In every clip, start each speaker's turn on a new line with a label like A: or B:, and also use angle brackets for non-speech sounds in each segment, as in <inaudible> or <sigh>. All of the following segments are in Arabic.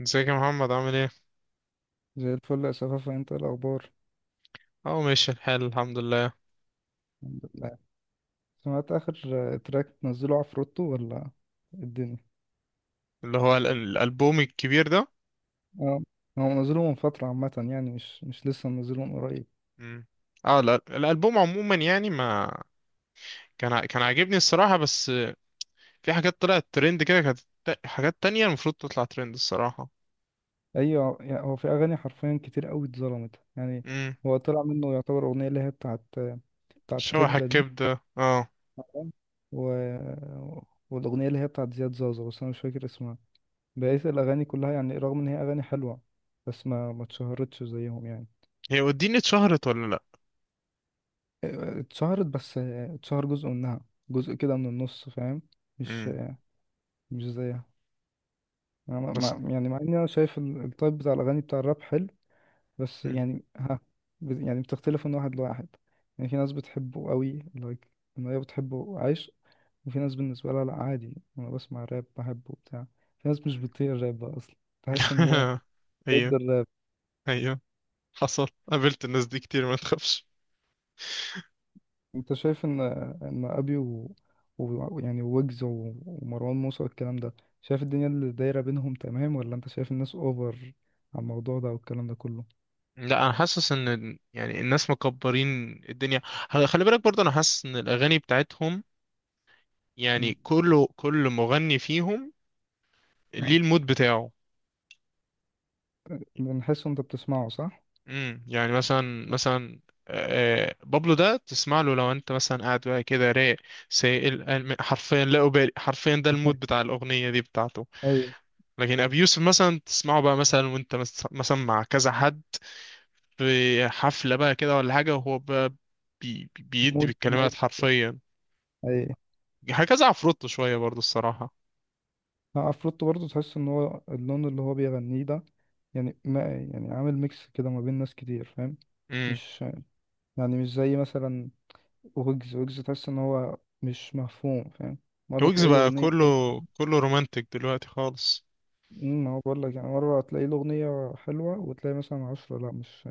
A: ازيك يا محمد عامل ايه؟
B: زي الفل يا شفافة، انت ايه الأخبار؟
A: اه، ماشي الحال، الحمد لله.
B: الحمد لله. سمعت آخر تراك نزله عفروتو ولا الدنيا؟
A: اللي هو الألبوم الكبير ده.
B: اه، هو منزله من فترة عامة، يعني مش لسه منزله من قريب.
A: مم. اه، لا، الألبوم عموما يعني ما كان عاجبني الصراحة، بس في حاجات طلعت ترند كده، كانت حاجات تانية المفروض تطلع ترند الصراحة.
B: أيوة، يعني هو في أغاني حرفيا كتير أوي اتظلمت يعني.
A: امم
B: هو طلع منه يعتبر أغنية اللي هي بتاعت
A: شوح
B: كبدة دي.
A: الكبدة، اه.
B: تمام. و... والأغنية اللي هي بتاعت زياد زازا، بس أنا مش فاكر اسمها. بقيت الأغاني كلها يعني رغم إن هي أغاني حلوة، بس ما اتشهرتش زيهم يعني.
A: هي وديني اتشهرت ولا لا؟
B: اتشهرت بس اتشهر جزء منها، جزء كده من النص، فاهم؟ مش
A: امم
B: مش زيها. أنا
A: بس.
B: يعني مع اني انا شايف التايب بتاع الاغاني بتاع الراب حلو، بس
A: مم.
B: يعني ها، يعني بتختلف من واحد لواحد. يعني في ناس بتحبه قوي لايك، ان هي بتحبه عايش، وفي ناس بالنسبه لها لا، عادي انا بسمع راب بحبه بتاع. في ناس مش
A: مم.
B: بتطيق الراب بقى اصلا، تحس ان هي
A: <laughs>
B: ضد
A: ايوه،
B: الراب.
A: ايوه. حصل قابلت الناس دي كتير، ما تخافش.
B: انت شايف ان ان ابي يعني ويجز ومروان موسى والكلام ده، شايف الدنيا اللي دايره بينهم تمام، ولا انت شايف الناس اوفر على الموضوع ده والكلام ده كله؟
A: لا، انا حاسس ان يعني الناس مكبرين الدنيا، خلي بالك برضه، انا حاسس ان الاغاني بتاعتهم
B: مم.
A: يعني كل مغني فيهم ليه
B: اه،
A: المود بتاعه.
B: بنحس انت بتسمعه صح.
A: يعني مثلا بابلو ده تسمع له لو انت مثلا قاعد بقى كده رايق، سائل، حرفيا لا أبالي، حرفيا ده المود بتاع الاغنيه دي بتاعته.
B: اي.
A: لكن ابي يوسف مثلا تسمعه بقى مثلا وانت مثلا مع كذا حد في حفله بقى كده ولا حاجه، وهو بقى بيدي
B: مود
A: بالكلمات
B: مود.
A: حرفيا،
B: اي.
A: هكذا. عفروتو شوية برضو الصراحة.
B: اه، عفروتو برضه تحس ان هو اللون اللي هو بيغنيه ده، يعني ما يعني عامل ميكس كده ما بين ناس كتير، فاهم؟
A: امم
B: مش يعني مش زي مثلا ويجز، تحس ان هو مش مفهوم، فاهم؟ مرة
A: ويجز
B: تلاقي له
A: بقى
B: أغنية.
A: كله رومانتك دلوقتي خالص.
B: أمم، ما هو بقول لك، يعني مرة تلاقي له أغنية حلوة وتلاقي مثلا عشرة لا، مش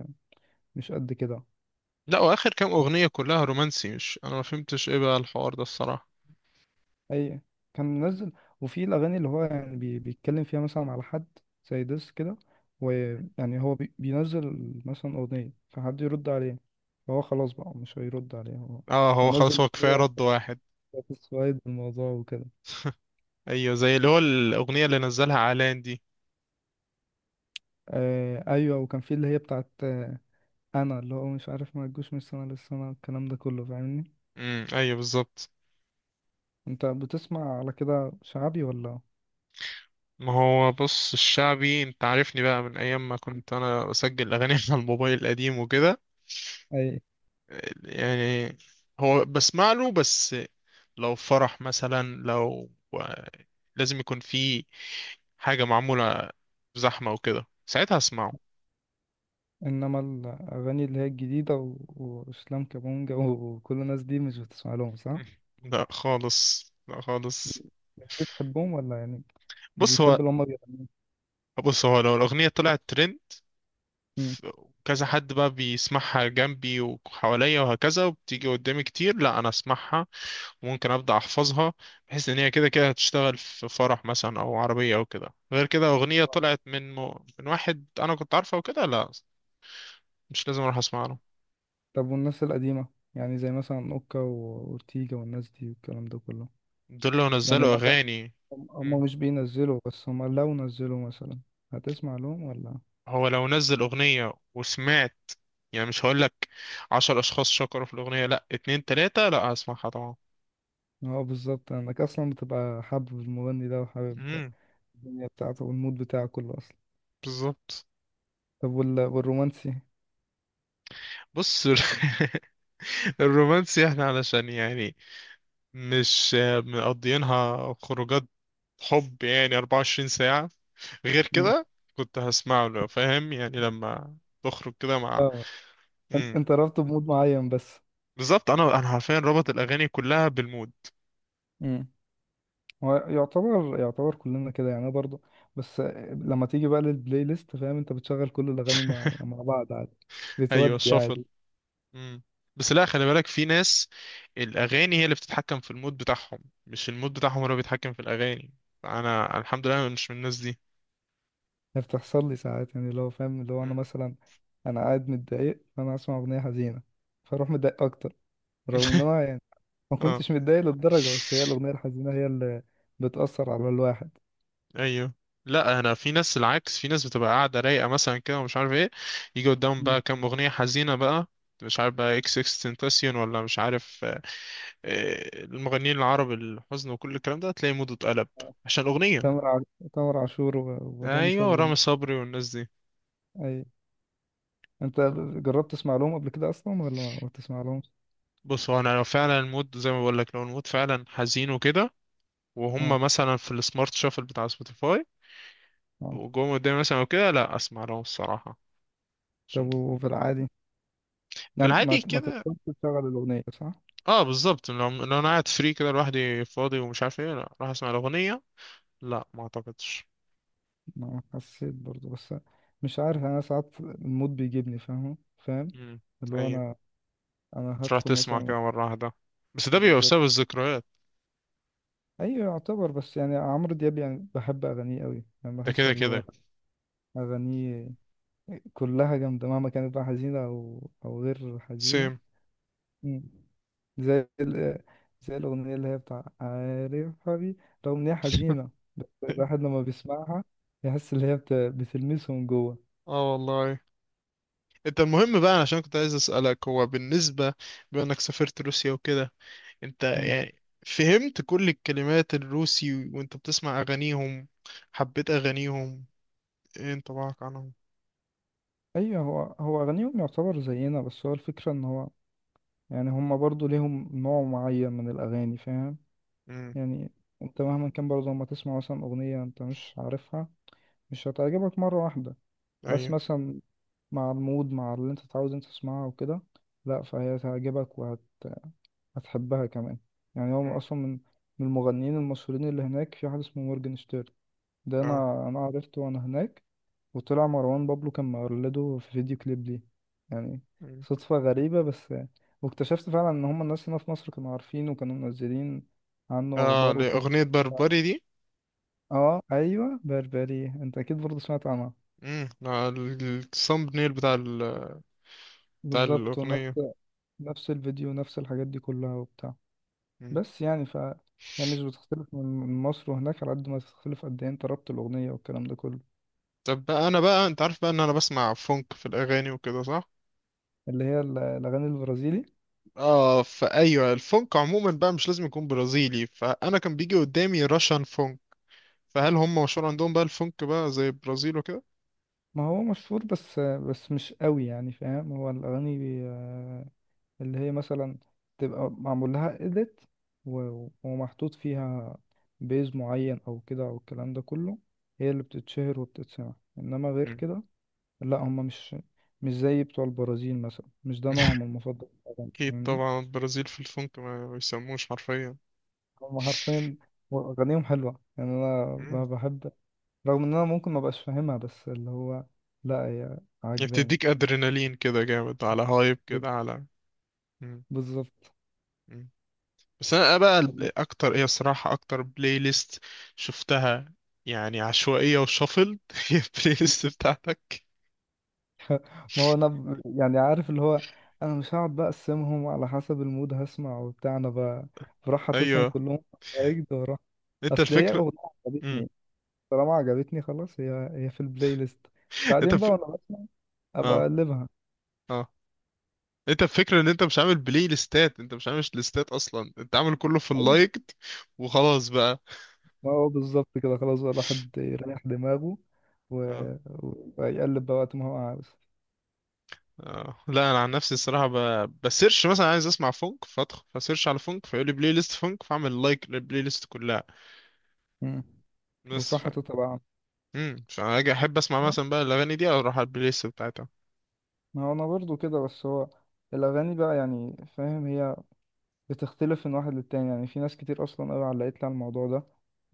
B: مش قد كده.
A: لا، واخر كام اغنية كلها رومانسي، مش انا ما فهمتش ايه بقى الحوار ده الصراحة.
B: أي. كان منزل، وفي الأغاني اللي هو يعني بيتكلم فيها مثلا على حد، زي ديس كده، ويعني هو بينزل مثلا أغنية فحد يرد عليه، فهو خلاص بقى مش هيرد عليه هو.
A: اه،
B: هو
A: هو خلاص،
B: نزل
A: هو كفاية
B: أغنية
A: رد واحد.
B: سوايد الموضوع وكده.
A: ايوه، زي اللي هو الاغنية اللي نزلها علان دي.
B: آه أيوة، وكان في اللي هي بتاعت آه، أنا اللي هو مش عارف ما تجوش من السنة للسنة الكلام ده كله، فاهمني؟
A: ايوه، بالظبط.
B: أنت بتسمع على كده شعبي ولا؟
A: ما هو بص، الشعبي انت عارفني بقى من ايام ما كنت انا بسجل اغاني <laughs> على الموبايل القديم وكده.
B: اي.
A: يعني هو بسمع له، بس لو فرح مثلا، لازم يكون في حاجة معمولة، زحمة وكده، ساعتها اسمعه.
B: انما الاغاني اللي هي الجديده واسلام كابونجا <laughs> وكل الناس دي مش بتسمع لهم صح؟
A: لا خالص، لا خالص.
B: مش بتحبهم ولا يعني مش
A: بص
B: بتحب
A: هو
B: اللي هم بيغنوا؟
A: بص هو لو الأغنية طلعت ترند،
B: مم.
A: ف- كذا حد بقى بيسمعها جنبي وحواليا وهكذا، وبتيجي قدامي كتير، لا أنا أسمعها. ممكن ابدا احفظها، بحيث ان هي كده كده هتشتغل في فرح مثلا او عربيه او كده. غير كده اغنيه طلعت من من واحد انا كنت عارفه وكده، لا، مش لازم اروح اسمع له.
B: طب والناس القديمه، يعني زي مثلا اوكا واورتيجا والناس دي والكلام ده كله،
A: دول لو
B: يعني
A: نزلوا
B: مثلا
A: اغاني.
B: هم،
A: مم.
B: هم مش بينزلوا بس هم لو نزلوا مثلا هتسمع لهم ولا؟
A: هو لو نزل اغنيه وسمعت، يعني مش هقول لك عشر اشخاص شكروا في الاغنيه، لا، اتنين تلاته، لا هسمعها طبعا.
B: اه بالظبط، انك اصلا بتبقى حابب المغني ده وحابب
A: امم
B: الدنيا بتاعته والمود بتاعه كله اصلا.
A: بالظبط.
B: طب والرومانسي؟
A: بص. <laughs> الرومانسي احنا علشان يعني مش مقضيينها خروجات حب يعني 24 ساعة. غير
B: مم.
A: كده كنت هسمعه لو فاهم، يعني لما بخرج كده مع.
B: اه، انت
A: امم
B: أنت رابطه بمود معين بس.
A: بالظبط، انا حرفيا رابط الاغاني كلها بالمود.
B: امم. هو يعتبر يعتبر كلنا كده يعني، أنا برضو. بس لما تيجي بقى للبلاي ليست، فاهم انت بتشغل كل الاغاني مع
A: <laughs>
B: مع بعض عادي،
A: ايوه،
B: بتودي
A: الشفل.
B: عادي.
A: امم بس لا، خلي بالك، في ناس الاغاني هي اللي بتتحكم في المود بتاعهم، مش المود بتاعهم هو اللي بيتحكم في الاغاني. انا الحمد لله أنا مش من الناس دي.
B: يعني بتحصل لي ساعات، يعني لو فاهم اللي هو انا
A: مم.
B: مثلا انا قاعد متضايق فانا اسمع اغنيه حزينه فاروح متضايق اكتر، رغم ان
A: <laughs>
B: انا يعني ما
A: اه،
B: كنتش متضايق للدرجه، بس هي الاغنيه الحزينه هي اللي بتاثر على الواحد.
A: ايوه. لا، انا في ناس العكس، في ناس بتبقى قاعده رايقه مثلا كده ومش عارف ايه، يجي قدامهم
B: مم.
A: بقى كام اغنيه حزينه بقى، مش عارف بقى اكس اكس تنتاسيون ولا مش عارف. المغنيين العرب، الحزن وكل الكلام ده، تلاقي موده اتقلب عشان الاغنيه.
B: تامر تامر عاشور ورامي
A: ايوه،
B: صبري.
A: رامي صبري والناس دي.
B: اي. انت جربت تسمع لهم قبل كده اصلا ولا ما بتسمع لهمش؟
A: بص هو، انا لو فعلا المود زي ما بقول لك، لو المود فعلا حزين وكده، وهم مثلا في السمارت شافل بتاع سبوتيفاي،
B: اه.
A: وجم قدامي مثلا وكده، لا اسمع لهم الصراحه،
B: طب
A: عشان.
B: وفي العادي،
A: في
B: يعني ما
A: العادي
B: ما
A: كده،
B: تقدرش تشغل الأغنية صح؟
A: اه، بالظبط. لو انا قاعد فري كده لوحدي فاضي ومش عارف ايه، لا راح اسمع الاغنيه. لا، ما اعتقدش.
B: ما حسيت برضو، بس مش عارف
A: مم.
B: يعني أنا ساعات المود بيجيبني فاهم، فاهم
A: مم.
B: اللي هو
A: ايوه،
B: أنا، أنا
A: تروح
B: هدخل
A: تسمع
B: مثلا.
A: كده مره واحده، بس ده بيبقى
B: بالظبط.
A: بسبب الذكريات.
B: أيوة يعتبر، بس يعني عمرو دياب يعني بحب أغانيه أوي، يعني
A: ده
B: بحس
A: كده
B: اللي هو
A: كده.
B: أغانيه كلها جامدة مهما كانت بقى حزينة أو أو غير حزينة.
A: سيم.
B: مم. زي ال- زي الأغنية اللي هي بتاع عارف حبيبي، رغم إن هي حزينة، بس الواحد
A: <laughs>
B: لما بيسمعها يحس اللي هي بتلمسه من جوه.
A: اه والله. انت المهم بقى، عشان كنت عايز اسالك، هو بالنسبه بما انك سافرت روسيا وكده، انت
B: مم.
A: يعني فهمت كل الكلمات الروسي وانت بتسمع اغانيهم؟ حبيت اغانيهم؟ ايه انطباعك عنهم؟
B: أيوه هو، هو أغانيهم يعتبر زينا، بس هو الفكرة إن هو يعني هما برضو ليهم نوع معين من الأغاني، فاهم؟
A: امم
B: يعني أنت مهما كان برضه لما تسمع مثلا أغنية أنت مش عارفها، مش هتعجبك مرة واحدة، بس
A: ايوه.
B: مثلا مع المود، مع اللي أنت تعود أنت تسمعها وكده، لأ فهي تعجبك، هتحبها كمان. يعني هو
A: مم.
B: اصلا من من المغنيين المشهورين اللي هناك في حد اسمه مورجنشتيرن، ده
A: اه،
B: انا عرفته وانا هناك، وطلع مروان بابلو كان مقلده في فيديو كليب ليه، يعني صدفة غريبة، بس واكتشفت فعلا ان هم الناس هنا في مصر كانوا عارفين وكانوا منزلين عنه
A: اه،
B: اخبار وكده.
A: لأغنية بربري دي.
B: اه ايوه بربري، انت اكيد برضه سمعت عنها.
A: امم الثامب نيل بتاع
B: بالظبط. ونفس،
A: الأغنية.
B: نفس الفيديو نفس الحاجات دي كلها وبتاع.
A: مم.
B: بس يعني ف، هي مش بتختلف من من مصر وهناك على قد ما تختلف قد ايه انت ربط الأغنية والكلام ده كله.
A: طب بقى، أنا بقى أنت عارف بقى إن أنا بسمع فونك في الأغاني وكده، صح؟
B: اللي هي الأغاني البرازيلي.
A: اه، فأيوه الفونك عموما بقى مش لازم يكون برازيلي، فأنا كان بيجي قدامي راشان فونك، فهل هم مشهور عندهم بقى الفونك بقى زي البرازيل وكده؟
B: ما هو مشهور، بس مش قوي يعني، فاهم؟ هو الأغاني آه، اللي هي مثلا تبقى معمول لها إيديت ومحطوط فيها بيز معين أو كده أو الكلام ده كله، هي اللي بتتشهر وبتتسمع، إنما غير
A: مم.
B: كده لا، هما مش زي بتوع البرازيل مثلا، مش ده
A: <laughs>
B: نوعهم المفضل في الأغاني،
A: أكيد
B: فاهمني؟
A: طبعا، البرازيل في الفونك ما بيسموش حرفيا.
B: هم حرفيا أغانيهم حلوة، يعني أنا
A: مم.
B: بحب رغم إن أنا ممكن ما بقاش فاهمها، بس اللي هو لا هي عجباني.
A: بتديك أدرينالين كده جامد، على هايب كده، على. مم.
B: بالظبط.
A: مم. بس انا بقى اكتر ايه الصراحه، اكتر بلاي ليست شفتها يعني عشوائيه وشفل <laughs> هي البلاي ليست بتاعتك.
B: ما هو أنا يعني عارف اللي هو أنا مش هقعد بقى أقسمهم على حسب المود هسمع وبتاع، أنا بروح حاططهم
A: ايوه،
B: كلهم في أجد وأروح.
A: انت
B: أصل هي
A: الفكره.
B: أغنية
A: مم.
B: عجبتني، طالما عجبتني خلاص هي، هي في البلاي ليست،
A: انت.
B: بعدين بقى وأنا بسمع أبقى
A: اه،
B: أقلبها.
A: اه، انت الفكره ان انت مش عامل بلاي ليستات، انت مش عامل ليستات اصلا، انت عامل كله في اللايكد وخلاص بقى.
B: ما هو بالظبط كده خلاص بقى الواحد يريح دماغه، و...
A: اه،
B: ويقلب بقى وقت ما هو عاوز.
A: اه، لا، انا عن نفسي الصراحه بسيرش مثلا عايز اسمع فونك، فادخل فسيرش على فونك، فيقول لي بلاي ليست فونك، فاعمل لايك للبلاي ليست كلها.
B: مم.
A: بس.
B: وتروح حاططها بقى.
A: عشان انا اجي احب اسمع مثلا بقى الاغاني دي او اروح على البلاي ليست بتاعتها.
B: ما هو انا برضو كده، بس هو الاغاني بقى يعني فاهم، هي بتختلف من واحد للتاني، يعني في ناس كتير اصلا قوي علقت لي على الموضوع ده،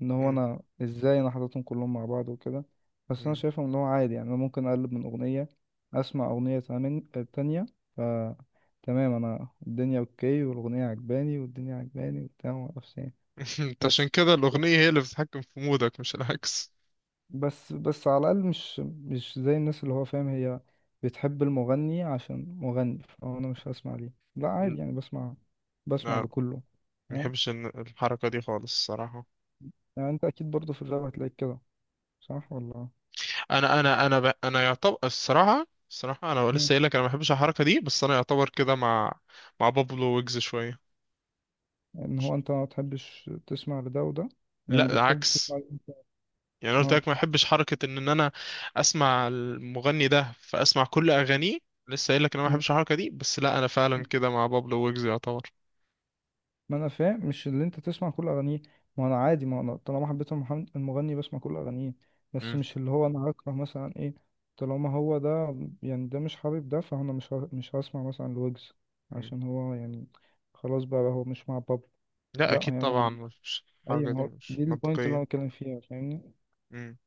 B: ان هو
A: امم
B: انا ازاي انا حاططهم كلهم مع بعض وكده، بس انا
A: امم
B: شايفهم ان هو عادي، يعني انا ممكن اقلب من اغنيه اسمع اغنيه تانية، ف تمام انا الدنيا اوكي والاغنيه عجباني والدنيا عجباني وبتاع ومعرفش إيه.
A: <laughs> انت عشان
B: بس
A: كده
B: بس
A: الاغنيه هي اللي بتتحكم في مودك، مش العكس.
B: بس على الأقل مش زي الناس اللي هو فاهم هي بتحب المغني عشان مغني، فأنا مش هسمع ليه لا،
A: م-
B: عادي يعني بسمع، بسمع
A: لا،
B: لكله.
A: ما
B: تمام.
A: بحبش الحركه دي خالص الصراحه.
B: يعني أنت أكيد برضه في الراب هتلاقيك كده صح ولا؟
A: انا يعتبر الصراحه انا لسه
B: مم.
A: قايل لك انا ما بحبش الحركه دي، بس انا يعتبر كده مع بابلو ويجز شويه.
B: إن هو أنت ما بتحبش تسمع لده وده، يعني
A: لا،
B: بتحب تسمع
A: العكس.
B: لده.
A: يعني أنا قلت
B: اه.
A: لك ما بحبش حركه ان انا اسمع المغني ده فاسمع كل اغانيه، لسه قايل لك انا ما بحبش الحركه دي، بس لا انا فعلا
B: مم.
A: كده مع بابلو ويجز يعتبر.
B: ما انا فاهم مش اللي انت تسمع كل اغانيه، ما انا عادي ما انا طالما حبيت المغني بسمع كل اغانيه، بس مش اللي هو انا هكره مثلا ايه، طالما هو ده يعني ده مش حابب ده فانا مش هسمع مثلا لويجز
A: مم.
B: عشان هو يعني خلاص بقى هو مش مع بابلو.
A: لا،
B: لا،
A: اكيد
B: هي
A: طبعا
B: مال.
A: مش
B: اي،
A: الحركه
B: ما
A: دي
B: هو
A: مش
B: دي البوينت اللي
A: منطقيه.
B: انا بتكلم فيها فاهمني.
A: مم.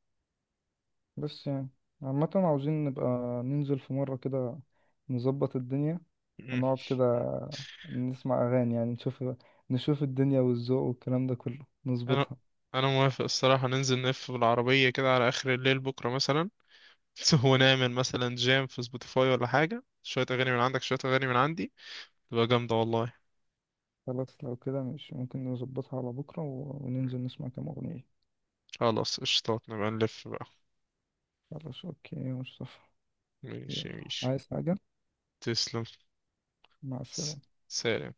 B: بس يعني عامة عاوزين نبقى ننزل في مرة كده نظبط الدنيا
A: مم.
B: ونقعد كده نسمع أغاني، يعني نشوف، نشوف الدنيا والذوق والكلام ده كله
A: انا
B: نظبطها.
A: انا موافق الصراحه، ننزل نلف بالعربيه كده على اخر الليل بكره مثلا، <laughs> ونعمل مثلا جام في سبوتيفاي ولا حاجه، شويه اغاني من عندك شويه اغاني من عندي، تبقى جامده والله.
B: خلاص لو كده مش ممكن نظبطها على بكرة وننزل نسمع كام أغنية.
A: خلاص، قشطات، نبقى نلف بقى.
B: خلاص أوكي يا مصطفى.
A: ماشي
B: يلا،
A: ماشي.
B: عايز حاجة؟
A: تسلم.
B: مع
A: س-
B: السلامة.
A: سلام.